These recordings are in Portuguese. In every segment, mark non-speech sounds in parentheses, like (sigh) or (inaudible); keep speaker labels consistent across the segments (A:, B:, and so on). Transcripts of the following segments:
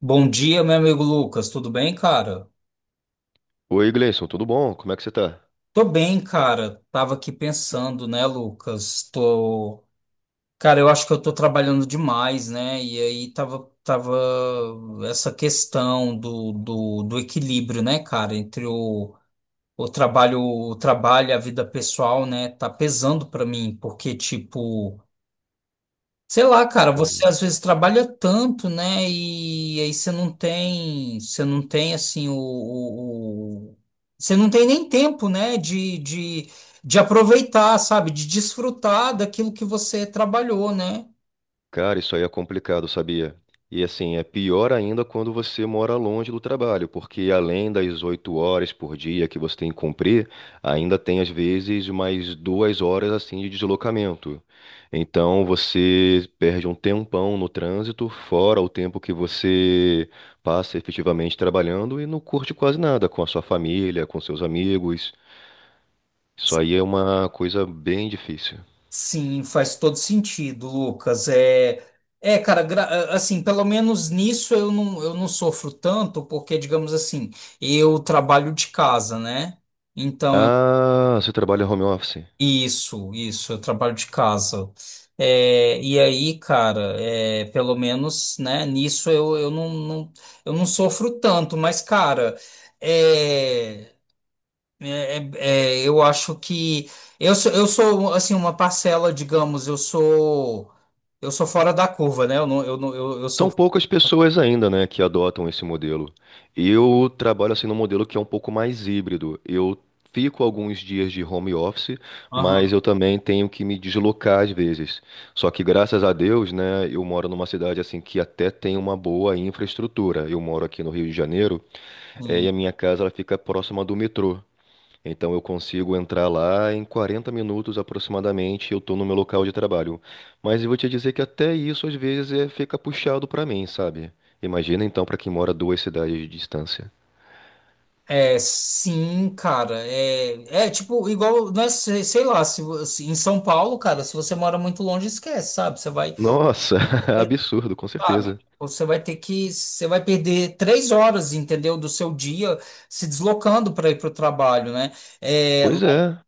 A: Bom dia, meu amigo Lucas. Tudo bem, cara?
B: Oi, Gleison, tudo bom? Como é que você tá?
A: Tô bem, cara. Tava aqui pensando, né, Lucas? Cara, eu acho que eu tô trabalhando demais, né? E aí tava essa questão do equilíbrio, né, cara, entre o trabalho e a vida pessoal, né? Tá pesando pra mim, porque tipo sei lá, cara,
B: Cara,
A: você às vezes trabalha tanto, né? E aí você não tem assim você não tem nem tempo, né? De aproveitar, sabe? De desfrutar daquilo que você trabalhou, né?
B: Cara, isso aí é complicado, sabia? E assim, é pior ainda quando você mora longe do trabalho, porque além das 8 horas por dia que você tem que cumprir, ainda tem às vezes mais 2 horas assim de deslocamento. Então você perde um tempão no trânsito, fora o tempo que você passa efetivamente trabalhando e não curte quase nada com a sua família, com seus amigos. Isso aí é uma coisa bem difícil.
A: Sim, faz todo sentido, Lucas. Cara, assim, pelo menos nisso eu não sofro tanto, porque, digamos assim, eu trabalho de casa, né? Então
B: Ah, você trabalha home office.
A: isso, eu trabalho de casa. É, e aí, cara, é, pelo menos, né, nisso eu não sofro tanto, mas, cara, é, é- é, eu acho que eu sou, assim, uma parcela, digamos, eu sou fora da curva, né? Eu não, eu não, eu
B: São
A: sou.
B: poucas pessoas ainda, né, que adotam esse modelo. Eu trabalho assim num modelo que é um pouco mais híbrido. Eu fico alguns dias de home office,
A: Aham.
B: mas eu também tenho que me deslocar às vezes. Só que graças a Deus, né, eu moro numa cidade assim que até tem uma boa infraestrutura. Eu moro aqui no Rio de Janeiro, e a minha casa ela fica próxima do metrô. Então eu consigo entrar lá em 40 minutos aproximadamente, eu estou no meu local de trabalho. Mas eu vou te dizer que até isso às vezes fica puxado para mim, sabe? Imagina então para quem mora duas cidades de distância.
A: É, sim, cara. É, é tipo, igual, não é, sei lá, se em São Paulo, cara, se você mora muito longe, esquece, sabe? Você vai,
B: Nossa, (laughs) absurdo, com
A: sabe?
B: certeza.
A: Você vai perder três horas, entendeu, do seu dia se deslocando para ir para o trabalho, né? É,
B: Pois é,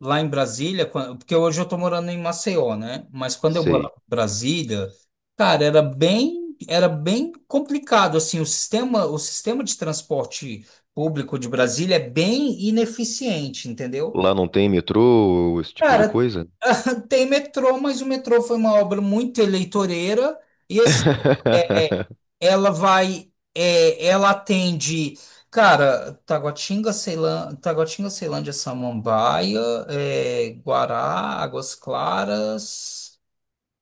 A: lá em Brasília, porque hoje eu tô morando em Maceió, né? Mas quando eu
B: sei.
A: morava em Brasília, cara, era bem complicado, assim, o sistema de transporte público de Brasília é bem ineficiente, entendeu?
B: Lá não tem metrô, esse tipo de
A: Cara,
B: coisa?
A: (laughs) tem metrô, mas o metrô foi uma obra muito eleitoreira e assim, é, é,
B: (laughs)
A: ela vai, é, ela atende, cara, Taguatinga, Ceilândia, Taguatinga, Ceilândia, Samambaia, é, Guará, Águas Claras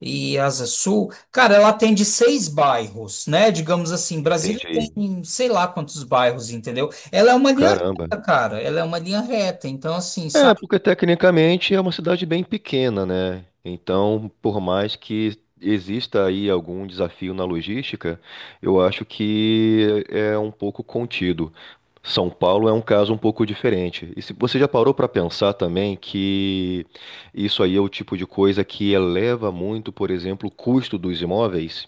A: e Asa Sul. Cara, ela atende seis bairros, né? Digamos assim, Brasília
B: Entendi.
A: tem sei lá quantos bairros, entendeu? Ela é uma linha
B: Caramba.
A: reta, cara, ela é uma linha reta. Então, assim,
B: É,
A: sabe?
B: porque tecnicamente é uma cidade bem pequena, né? Então, por mais que exista aí algum desafio na logística, eu acho que é um pouco contido. São Paulo é um caso um pouco diferente. E se você já parou para pensar também que isso aí é o tipo de coisa que eleva muito, por exemplo, o custo dos imóveis?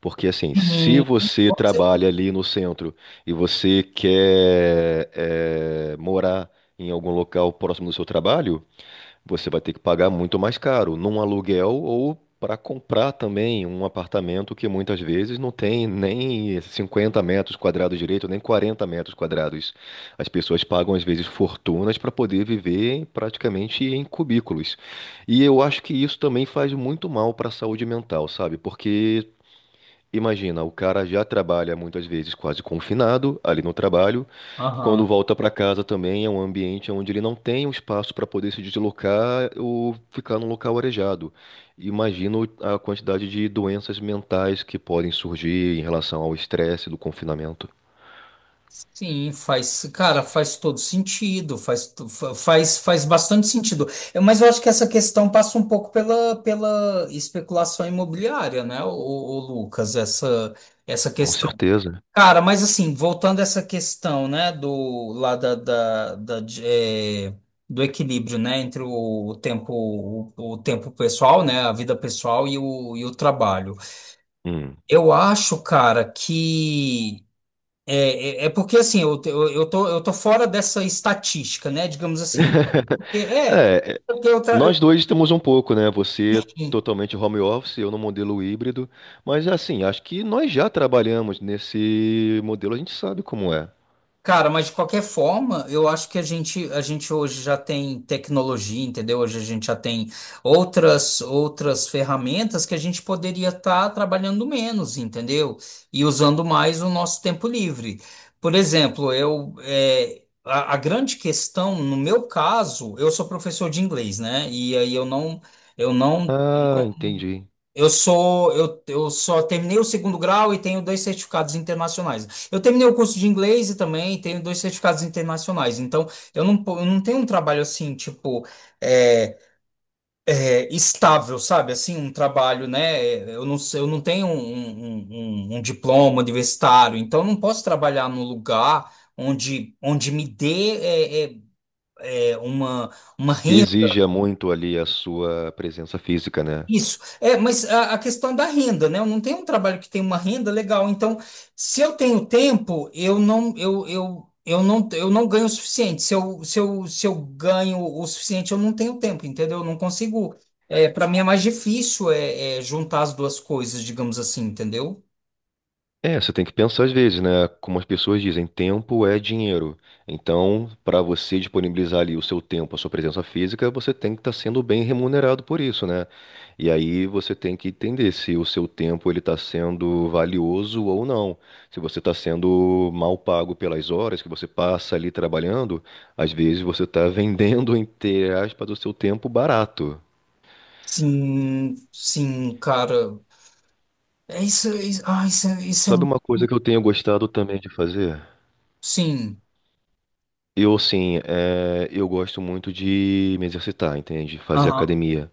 B: Porque assim, se
A: Uhum.
B: você trabalha ali no centro e você quer morar em algum local próximo do seu trabalho, você vai ter que pagar muito mais caro num aluguel ou para comprar também um apartamento que muitas vezes não tem nem 50 metros quadrados direito, nem 40 metros quadrados. As pessoas pagam às vezes fortunas para poder viver praticamente em cubículos. E eu acho que isso também faz muito mal para a saúde mental, sabe? Porque imagina, o cara já trabalha muitas vezes quase confinado ali no trabalho.
A: Aham.
B: Quando volta para casa também é um ambiente onde ele não tem um espaço para poder se deslocar ou ficar num local arejado. Imagino a quantidade de doenças mentais que podem surgir em relação ao estresse do confinamento.
A: Sim, faz, cara, faz todo sentido, faz, to- fa- faz, faz bastante sentido. É, mas eu acho que essa questão passa um pouco pela, pela especulação imobiliária, né, o Lucas, essa
B: Com
A: questão.
B: certeza.
A: Cara, mas assim, voltando a essa questão, né, do, lá da, da, da, de- é, do equilíbrio, né, entre o tempo, o tempo pessoal, né, a vida pessoal e e o trabalho.
B: Hum.
A: Eu acho, cara, que é porque assim, eu, te- eu tô fora dessa estatística, né? Digamos assim. Eu não te- É,
B: É, é,
A: porque
B: nós dois temos um pouco, né? Você totalmente home office, eu no modelo híbrido, mas assim, acho que nós já trabalhamos nesse modelo, a gente sabe como é.
A: cara, mas de qualquer forma, eu acho que a gente hoje já tem tecnologia, entendeu? Hoje a gente já tem outras ferramentas que a gente poderia estar trabalhando menos, entendeu? E usando mais o nosso tempo livre. Por exemplo, eu, é, a grande questão, no meu caso, eu sou professor de inglês, né? E aí eu não. Eu não
B: Ah, entendi.
A: eu sou, eu só terminei o segundo grau e tenho dois certificados internacionais. Eu terminei o curso de inglês e também tenho dois certificados internacionais. Então, eu não tenho um trabalho assim, tipo, é, estável, sabe? Assim, um trabalho, né? É, eu não tenho um diploma universitário, então eu não posso trabalhar num lugar onde me dê é, é, é, uma
B: Que exija muito ali a sua presença física, né?
A: isso. É, mas a questão da renda, né? Eu não tenho um trabalho que tem uma renda legal. Então, se eu tenho tempo, eu não ganho o suficiente. Se eu ganho o suficiente, eu não tenho tempo, entendeu? Eu não consigo. É, para mim é mais difícil é, é juntar as duas coisas, digamos assim, entendeu?
B: É, você tem que pensar às vezes, né? Como as pessoas dizem, tempo é dinheiro. Então, para você disponibilizar ali o seu tempo, a sua presença física, você tem que estar sendo bem remunerado por isso, né? E aí você tem que entender se o seu tempo ele está sendo valioso ou não. Se você está sendo mal pago pelas horas que você passa ali trabalhando, às vezes você está (laughs) vendendo, entre aspas, o seu tempo barato.
A: Sim, sim, cara. É isso, ah, isso, é- isso é.
B: Sabe uma coisa que eu tenho gostado também de fazer?
A: Sim.
B: Eu, assim, eu gosto muito de me exercitar, entende? Fazer
A: Aham,
B: academia.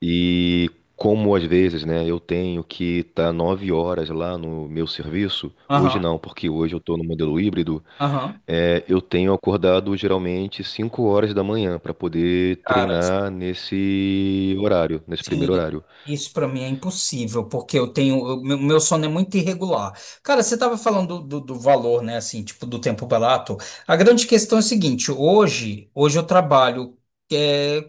B: E como às vezes, né, eu tenho que estar 9 horas lá no meu serviço, hoje
A: aham,
B: não, porque hoje eu estou no modelo híbrido,
A: aham.
B: eu tenho acordado geralmente 5 horas da manhã para poder
A: Cara.
B: treinar nesse horário, nesse
A: Sim,
B: primeiro horário.
A: isso pra mim é impossível, porque eu tenho, meu sono é muito irregular. Cara, você tava falando do valor, né, assim, tipo, do tempo barato. A grande questão é o seguinte, hoje eu trabalho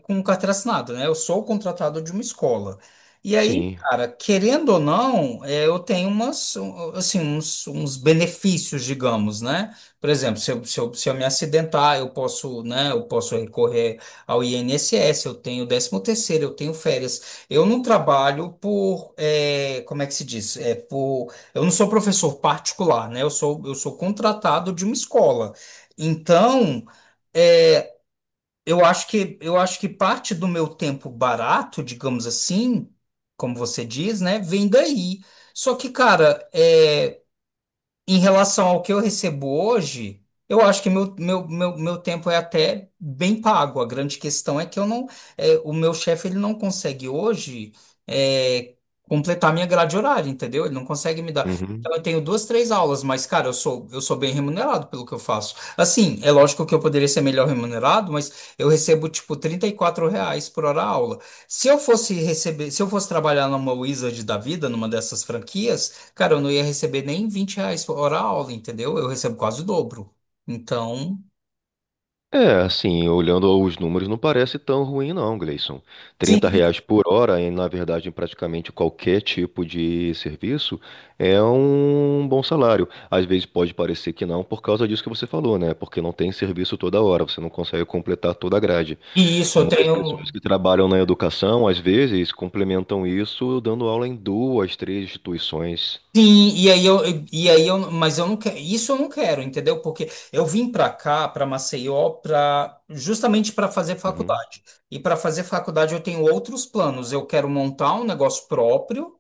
A: com um carteira assinada, né? Eu sou contratado de uma escola. E aí,
B: Sim.
A: cara, querendo ou não, é, eu tenho umas, um, assim, uns, uns benefícios, digamos, né? Por exemplo, se eu me acidentar, eu posso, né? Eu posso recorrer ao INSS, eu tenho décimo terceiro, eu tenho férias. Eu não trabalho por, é, como é que se diz? É por, eu não sou professor particular, né? Eu sou contratado de uma escola. Então, é, eu acho que parte do meu tempo barato, digamos assim, como você diz, né, vem daí. Só que, cara, é em relação ao que eu recebo hoje, eu acho que meu tempo é até bem pago. A grande questão é que eu não, é, o meu chefe ele não consegue hoje é, completar minha grade horária, entendeu? Ele não consegue me dar.
B: Uhum.
A: Então eu tenho duas, três aulas, mas cara, eu sou bem remunerado pelo que eu faço. Assim, é lógico que eu poderia ser melhor remunerado, mas eu recebo tipo 34 reais por hora aula. Se eu fosse trabalhar numa Wizard da vida, numa dessas franquias cara, eu não ia receber nem 20 reais por hora aula, entendeu? Eu recebo quase o dobro. Então,
B: É, assim, olhando os números, não parece tão ruim não, Gleison. Trinta
A: sim,
B: reais por hora, e na verdade, em praticamente qualquer tipo de serviço, é um bom salário. Às vezes pode parecer que não, por causa disso que você falou, né? Porque não tem serviço toda hora, você não consegue completar toda a grade.
A: e isso eu
B: Muitas pessoas
A: tenho.
B: que trabalham na educação, às vezes, complementam isso dando aula em duas, três instituições.
A: Sim, e aí eu, mas eu não quero, isso eu não quero, entendeu? Porque eu vim para cá, para Maceió, para justamente para fazer
B: Uhum,
A: faculdade. E para fazer faculdade eu tenho outros planos. Eu quero montar um negócio próprio.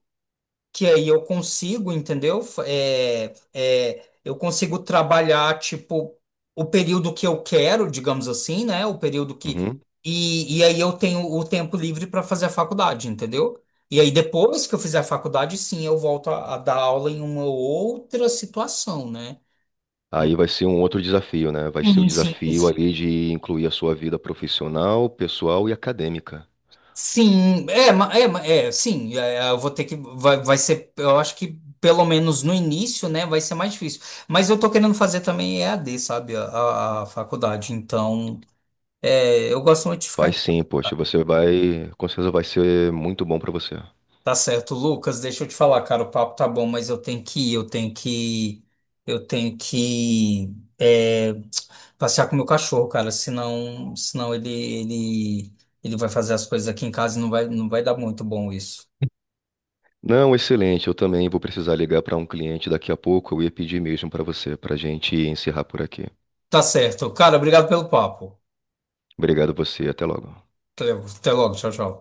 A: Que aí eu consigo, entendeu? Eu consigo trabalhar, tipo, o período que eu quero, digamos assim, né? O período que.
B: uhum.
A: E e aí eu tenho o tempo livre para fazer a faculdade, entendeu? E aí depois que eu fizer a faculdade, sim, eu volto a dar aula em uma outra situação, né?
B: Aí vai ser um outro desafio, né? Vai ser o
A: Sim, sim.
B: desafio ali de incluir a sua vida profissional, pessoal e acadêmica.
A: Sim, é, eu vou ter que, vai ser, eu acho que pelo menos no início, né, vai ser mais difícil. Mas eu tô querendo fazer também EAD, sabe, a faculdade, então, é, eu gosto muito de ficar
B: Vai
A: em...
B: sim, poxa, você vai, com certeza vai ser muito bom para você.
A: Tá certo, Lucas, deixa eu te falar, cara, o papo tá bom, mas eu tenho que ir, eu tenho que, é, passear com o meu cachorro, cara, senão ele vai fazer as coisas aqui em casa e não vai dar muito bom isso.
B: Não, excelente. Eu também vou precisar ligar para um cliente daqui a pouco. Eu ia pedir mesmo para você, para a gente encerrar por aqui.
A: Tá certo. Cara, obrigado pelo papo.
B: Obrigado a você, até logo.
A: Até logo. Tchau, tchau.